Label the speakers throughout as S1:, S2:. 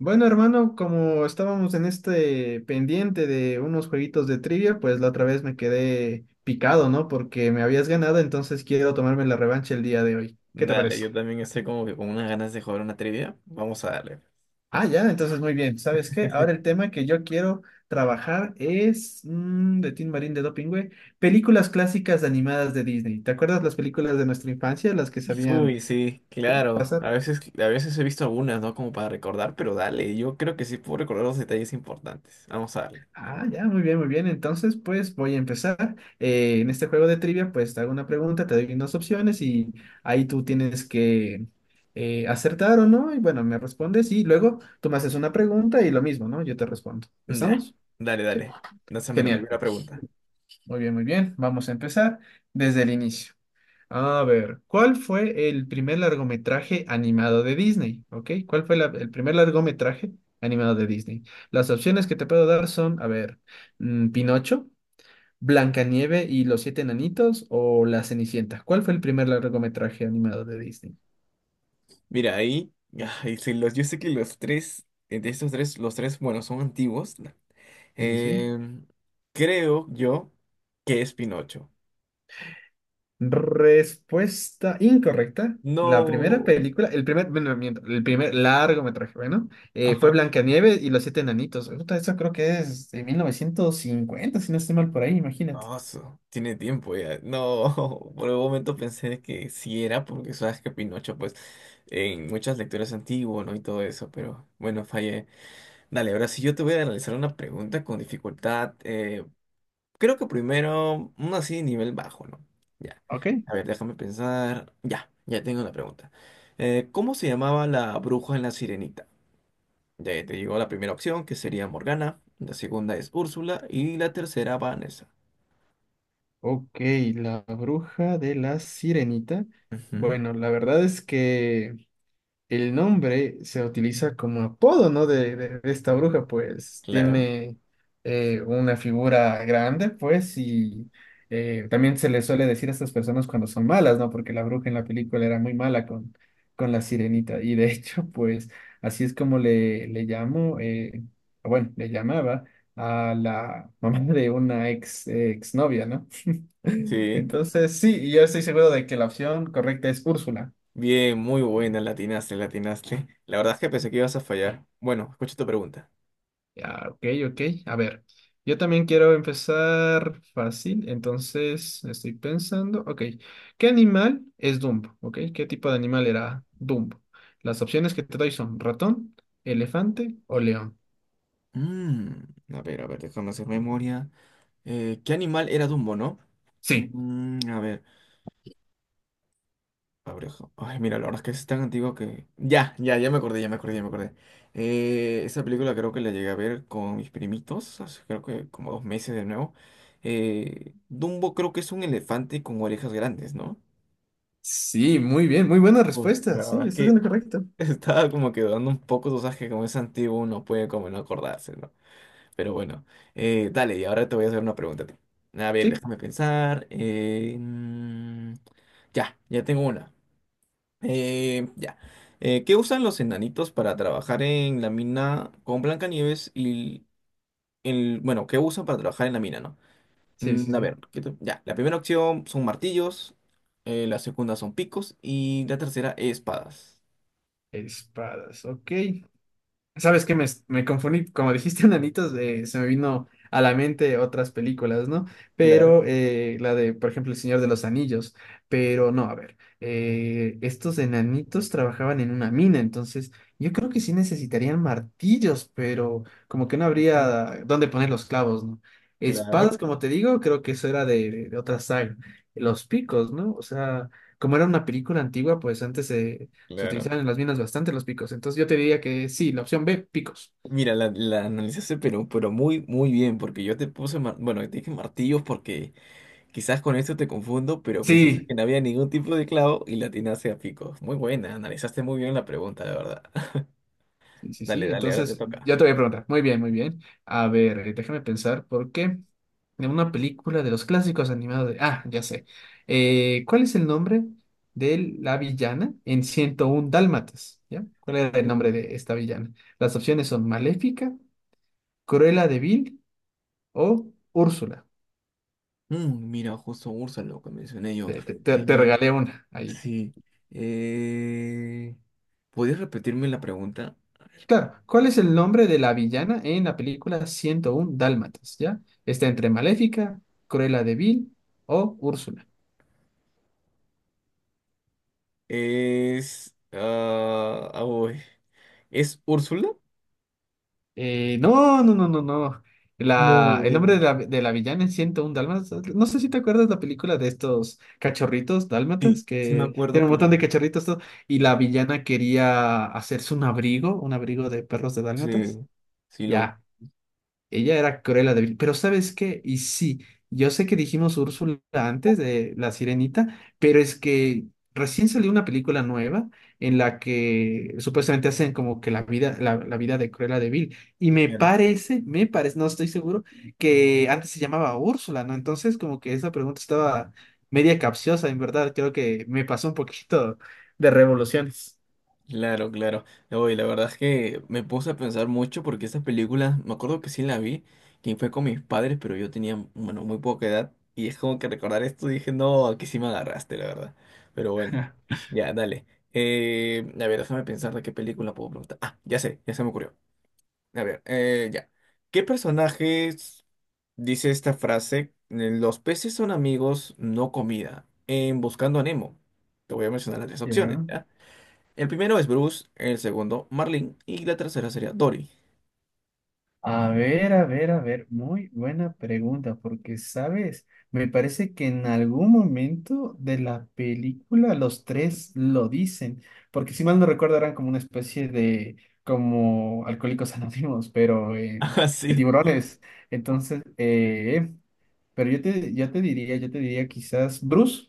S1: Bueno, hermano, como estábamos en este pendiente de unos jueguitos de trivia, pues la otra vez me quedé picado, ¿no? Porque me habías ganado, entonces quiero tomarme la revancha el día de hoy. ¿Qué te
S2: Dale,
S1: parece?
S2: yo también estoy como que con unas ganas de jugar una trivia. Vamos a darle.
S1: Ah, ya, entonces muy bien. ¿Sabes qué? Ahora el tema que yo quiero trabajar es de Tim Marín de Dopingüe, películas clásicas animadas de Disney. ¿Te acuerdas las películas de nuestra infancia, las que sabían
S2: Uy, sí, claro.
S1: pasar?
S2: A veces he visto algunas, ¿no? Como para recordar, pero dale, yo creo que sí puedo recordar los detalles importantes. Vamos a darle.
S1: Ah, ya, muy bien, muy bien. Entonces, pues voy a empezar. En este juego de trivia, pues te hago una pregunta, te doy dos opciones y ahí tú tienes que acertar o no. Y bueno, me respondes y luego tú me haces una pregunta y lo mismo, ¿no? Yo te respondo.
S2: Ya,
S1: ¿Estamos?
S2: dale,
S1: Sí.
S2: dale. Lánzame la
S1: Genial.
S2: primera pregunta.
S1: Muy bien, muy bien. Vamos a empezar desde el inicio. A ver, ¿cuál fue el primer largometraje animado de Disney? ¿Ok? ¿Cuál fue el primer largometraje animado de Disney? Las opciones que te puedo dar son, a ver, Pinocho. ¿Blancanieve y los siete enanitos o La Cenicienta? ¿Cuál fue el primer largometraje animado de Disney?
S2: Mira, ahí, ay, sí, los, yo sé que los tres, entre estos tres, los tres, bueno, son antiguos. No.
S1: Sí, sí, sí.
S2: Em, Creo yo que es Pinocho.
S1: Respuesta incorrecta. La primera
S2: No.
S1: película, el primer, bueno, miento, el primer largometraje, bueno, fue Blancanieve y los siete enanitos. Puta, eso creo que es de 1950 si no estoy mal por ahí, imagínate.
S2: Ah, su- Tiene tiempo ya. No, por un momento pensé que sí era, porque sabes que Pinocho, pues, en muchas lecturas antiguas, ¿no? Y todo eso, pero bueno, fallé. Dale, ahora sí yo te voy a analizar una pregunta con dificultad. Creo que primero, uno así, nivel bajo, ¿no? Ya.
S1: Ok.
S2: A ver, déjame pensar. Ya, ya tengo la pregunta. ¿Cómo se llamaba la bruja en la Sirenita? Ya te digo la primera opción, que sería Morgana. La segunda es Úrsula. Y la tercera, Vanessa.
S1: Ok, la bruja de la sirenita.
S2: Ujú,
S1: Bueno, la verdad es que el nombre se utiliza como apodo, ¿no? De esta bruja, pues
S2: claro.
S1: tiene una figura grande, pues, y también se le suele decir a estas personas cuando son malas, ¿no? Porque la bruja en la película era muy mala con la sirenita, y de hecho, pues, así es como le llamo, bueno, le llamaba a la mamá de una ex, exnovia, ¿no?
S2: Sí,
S1: Entonces, sí, y yo estoy seguro de que la opción correcta es Úrsula.
S2: bien, muy buena, latinaste, latinaste. La verdad es que pensé que ibas a fallar. Bueno, escucha tu pregunta.
S1: Ah, ok, ok. A ver, yo también quiero empezar fácil, entonces estoy pensando, ok, ¿qué animal es Dumbo? Ok, ¿qué tipo de animal era Dumbo? Las opciones que te doy son ratón, elefante o león.
S2: Mm, a ver, a ver, déjame hacer memoria. ¿Qué animal era Dumbo, no?
S1: Sí,
S2: A ver, abreja. Ay, mira, la verdad es que es tan antiguo que... ya, ya, ya me acordé, ya me acordé, ya me acordé. Esa película creo que la llegué a ver con mis primitos, hace creo que como dos meses de nuevo. Dumbo creo que es un elefante con orejas grandes, ¿no?
S1: sí, muy bien, muy buena
S2: Uy,
S1: respuesta.
S2: la
S1: Sí,
S2: verdad es
S1: estás
S2: que
S1: en lo correcto.
S2: estaba como que dudando un poco, tú sabes que como es antiguo uno puede como no acordarse, ¿no? Pero bueno, dale, y ahora te voy a hacer una pregunta a ti. A ver,
S1: Sí,
S2: déjame pensar. Ya, ya tengo una. Eh, ya. ¿Qué usan los enanitos para trabajar en la mina con Blancanieves y el, bueno, qué usan para trabajar en la mina, ¿no?
S1: sí, sí,
S2: A
S1: sí.
S2: ver, ya, la primera opción son martillos, la segunda son picos y la tercera espadas.
S1: Espadas, ok. ¿Sabes qué? Me confundí, como dijiste, enanitos, se me vino a la mente otras películas, ¿no?
S2: Claro.
S1: Pero la de, por ejemplo, El Señor de los Anillos, pero no, a ver, estos enanitos trabajaban en una mina, entonces yo creo que sí necesitarían martillos, pero como que no
S2: Ujú,
S1: habría dónde poner los clavos, ¿no? Espadas,
S2: claro.
S1: como te digo, creo que eso era de otra saga. Los picos, ¿no? O sea, como era una película antigua, pues antes se
S2: Claro.
S1: utilizaban en las minas bastante los picos. Entonces yo te diría que sí, la opción B, picos.
S2: Mira, la analizaste, pero muy, muy bien, porque yo te puse, bueno, te dije martillos porque quizás con esto te confundo, pero pensaste que
S1: Sí,
S2: no había ningún tipo de clavo y la atinaste a picos. Muy buena, analizaste muy bien la pregunta, de verdad.
S1: sí, sí,
S2: Dale,
S1: sí.
S2: dale, ahora te
S1: Entonces
S2: toca.
S1: ya te voy a preguntar. Muy bien, muy bien. A ver, déjame pensar por qué. De una película de los clásicos animados de... Ah, ya sé. ¿Cuál es el nombre de la villana en 101 Dálmatas? ¿Ya? ¿Cuál era el nombre
S2: Mm.
S1: de esta villana? Las opciones son Maléfica, Cruella de Vil o Úrsula.
S2: Mm, mira, justo Ursa, lo que mencioné yo.
S1: Te
S2: Eh,
S1: regalé una ahí.
S2: sí. Eh, ¿Podrías repetirme la pregunta?
S1: Claro, ¿cuál es el nombre de la villana en la película 101 Dálmatas? ¿Ya? Está entre Maléfica, Cruella de Vil o Úrsula.
S2: Uy. ¿Es Úrsula?
S1: No, no, no, no, no. La, el nombre
S2: No,
S1: de la villana en 101 Dálmatas. No sé si te acuerdas la película de estos cachorritos
S2: sí,
S1: dálmatas
S2: sí me
S1: que
S2: acuerdo,
S1: tienen un montón de
S2: pero
S1: cachorritos todo, y la villana quería hacerse un abrigo de perros de
S2: sí,
S1: dálmatas.
S2: sí lo...
S1: Ya, ella era Cruella de Vil. Pero ¿sabes qué? Y sí, yo sé que dijimos Úrsula antes de La Sirenita, pero es que recién salió una película nueva en la que supuestamente hacen como que la vida, la vida de Cruella de Vil. Y
S2: Claro.
S1: me parece, no estoy seguro, que antes se llamaba Úrsula, ¿no? Entonces como que esa pregunta estaba media capciosa, en verdad. Creo que me pasó un poquito de revoluciones.
S2: Claro, claro. No, y la verdad es que me puse a pensar mucho porque esas películas, me acuerdo que sí la vi, que fue con mis padres, pero yo tenía, bueno, muy poca edad. Y es como que recordar esto dije, no, aquí sí me agarraste, la verdad. Pero bueno, ya, dale. A ver, déjame pensar de qué película puedo preguntar. Ah, ya sé, ya se me ocurrió. A ver, ya. ¿Qué personajes dice esta frase? Los peces son amigos, no comida. En Buscando a Nemo. Te voy a mencionar las tres opciones,
S1: Ya.
S2: ¿ya? El primero es Bruce, el segundo Marlin y la tercera sería Dory.
S1: A ver, a ver, a ver, muy buena pregunta, porque, ¿sabes? Me parece que en algún momento de la película los tres lo dicen, porque si mal no recuerdo eran como una especie de, como alcohólicos anónimos, pero
S2: Ah,
S1: de
S2: sí.
S1: tiburones. Entonces, pero yo te diría quizás Bruce,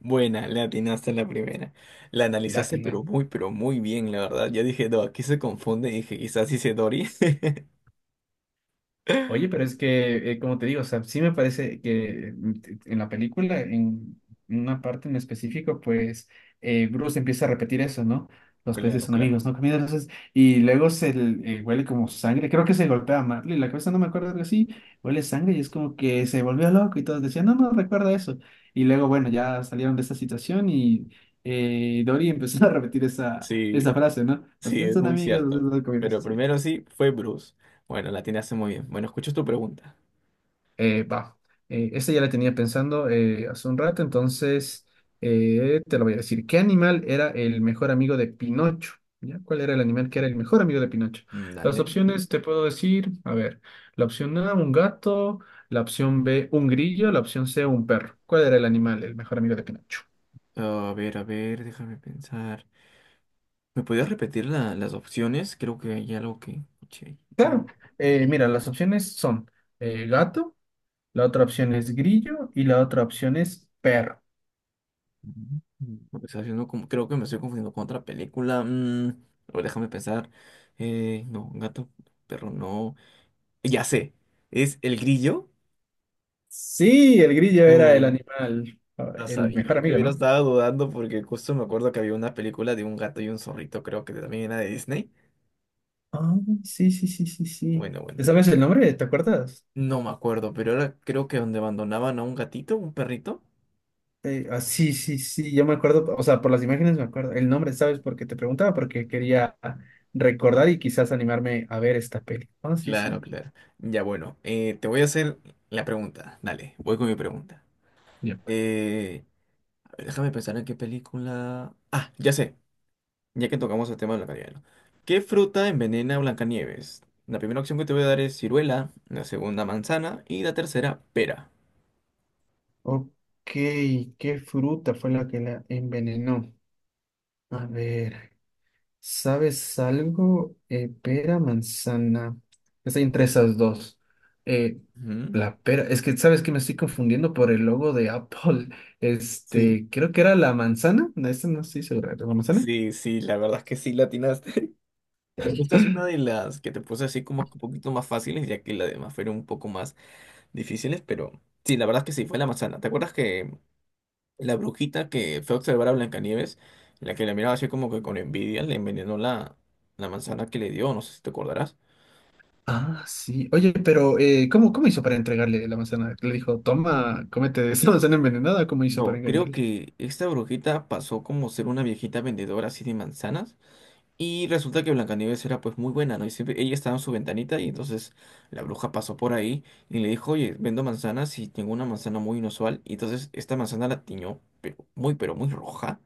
S2: Buena, le atinaste en la primera. La analizaste,
S1: latina.
S2: pero muy bien, la verdad. Ya dije, no, aquí se confunde. Dije, quizás dice Dory.
S1: Oye, pero es que, como te digo, o sea, sí me parece que en la película, en una parte en específico, pues Bruce empieza a repetir eso, ¿no? Los peces
S2: Claro,
S1: son
S2: claro.
S1: amigos, ¿no? Comida, entonces, y luego huele como sangre, creo que se golpea a Marley, la cabeza no me acuerdo, algo así, huele sangre y es como que se volvió loco y todos decían, no, no, recuerda eso. Y luego, bueno, ya salieron de esta situación y Dory empezó a repetir esa, esa
S2: Sí.
S1: frase, ¿no? Los
S2: Sí,
S1: peces
S2: es
S1: son
S2: muy
S1: amigos, los
S2: cierto.
S1: peces son
S2: Pero
S1: comidos.
S2: primero sí, fue Bruce. Bueno, la hace muy bien. Bueno, escucho tu pregunta.
S1: Eh, va, esta ya la tenía pensando hace un rato, entonces te lo voy a decir. ¿Qué animal era el mejor amigo de Pinocho? ¿Ya? ¿Cuál era el animal que era el mejor amigo de Pinocho? Las
S2: Dale.
S1: opciones te puedo decir, a ver, la opción A, un gato, la opción B, un grillo, la opción C, un perro. ¿Cuál era el animal, el mejor amigo de Pinocho?
S2: A ver, déjame pensar. ¿Me podías repetir la- las opciones. Creo que hay algo que escuché ahí, ¿no?
S1: Claro, mira, las opciones son gato, la otra opción es grillo y la otra opción es perro.
S2: Me está haciendo creo que me estoy confundiendo con otra película. A ver, déjame pensar. No, gato, perro, no. Ya sé. ¿Es El Grillo?
S1: Sí, el grillo era el animal, ah,
S2: No
S1: el mejor
S2: sabía,
S1: amigo,
S2: primero
S1: ¿no?
S2: estaba dudando porque justo me acuerdo que había una película de un gato y un zorrito, creo que también era de Disney.
S1: Ah, sí, sí, sí, sí, sí.
S2: Bueno, bueno,
S1: ¿Te ¿Sabes el nombre? ¿Te acuerdas?
S2: no me acuerdo, pero era creo que donde abandonaban a un gatito, un perrito.
S1: Sí, sí, sí, yo me acuerdo, o sea, por las imágenes me acuerdo. El nombre, ¿sabes? Porque te preguntaba, porque quería recordar y quizás animarme a ver esta peli. Ah, sí,
S2: Claro,
S1: sí.
S2: claro. Ya bueno, te voy a hacer la pregunta. Dale, voy con mi pregunta.
S1: Yep.
S2: Eh, a ver, déjame pensar en qué película. Ah, ya sé, ya que tocamos el tema de Blancanieves. ¿Qué fruta envenena a Blancanieves? La primera opción que te voy a dar es ciruela, la segunda manzana y la tercera pera.
S1: Ok, ¿qué fruta fue la que la envenenó? A ver. ¿Sabes algo? Pera, manzana. Estoy entre esas dos. Eh,
S2: Ujú.
S1: la pera. Es que, ¿sabes que me estoy confundiendo por el logo de Apple?
S2: Sí.
S1: Este, creo que era la manzana. No, esta no estoy segura. ¿La manzana?
S2: Sí, sí, la verdad es que sí, latinaste. Esta es una de las que te puse así como que un poquito más fáciles, ya que las demás fueron un poco más difíciles, pero sí, la verdad es que sí, fue la manzana. ¿Te acuerdas que la brujita que fue a observar a Blancanieves, la que la miraba así como que con envidia, le envenenó la, la manzana que le dio? No sé si te acordarás.
S1: Ah, sí. Oye, pero ¿cómo, cómo hizo para entregarle la manzana? Le dijo, toma, cómete esta manzana envenenada. ¿Cómo hizo para
S2: No, creo
S1: engañarle?
S2: que esta brujita pasó como ser una viejita vendedora así de manzanas. Y resulta que Blancanieves era pues muy buena, ¿no? Y siempre ella estaba en su ventanita y entonces la bruja pasó por ahí y le dijo, oye, vendo manzanas y tengo una manzana muy inusual. Y entonces esta manzana la tiñó, pero muy roja,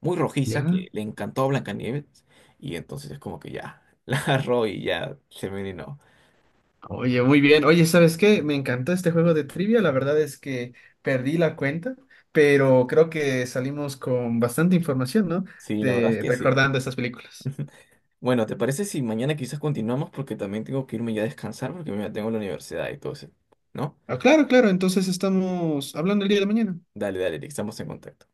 S2: muy rojiza,
S1: Ya.
S2: que le encantó a Blancanieves. Y entonces es como que ya, la agarró y ya se envenenó.
S1: Oye, muy bien. Oye, ¿sabes qué? Me encantó este juego de trivia. La verdad es que perdí la cuenta, pero creo que salimos con bastante información, ¿no?
S2: Sí, la verdad es
S1: De
S2: que sí.
S1: recordando estas películas.
S2: Bueno, ¿te parece si mañana quizás continuamos? Porque también tengo que irme ya a descansar porque mañana tengo la universidad y todo eso, ¿no?
S1: Ah, claro, claro. Entonces estamos hablando el día de mañana.
S2: Dale, dale, Eric, estamos en contacto.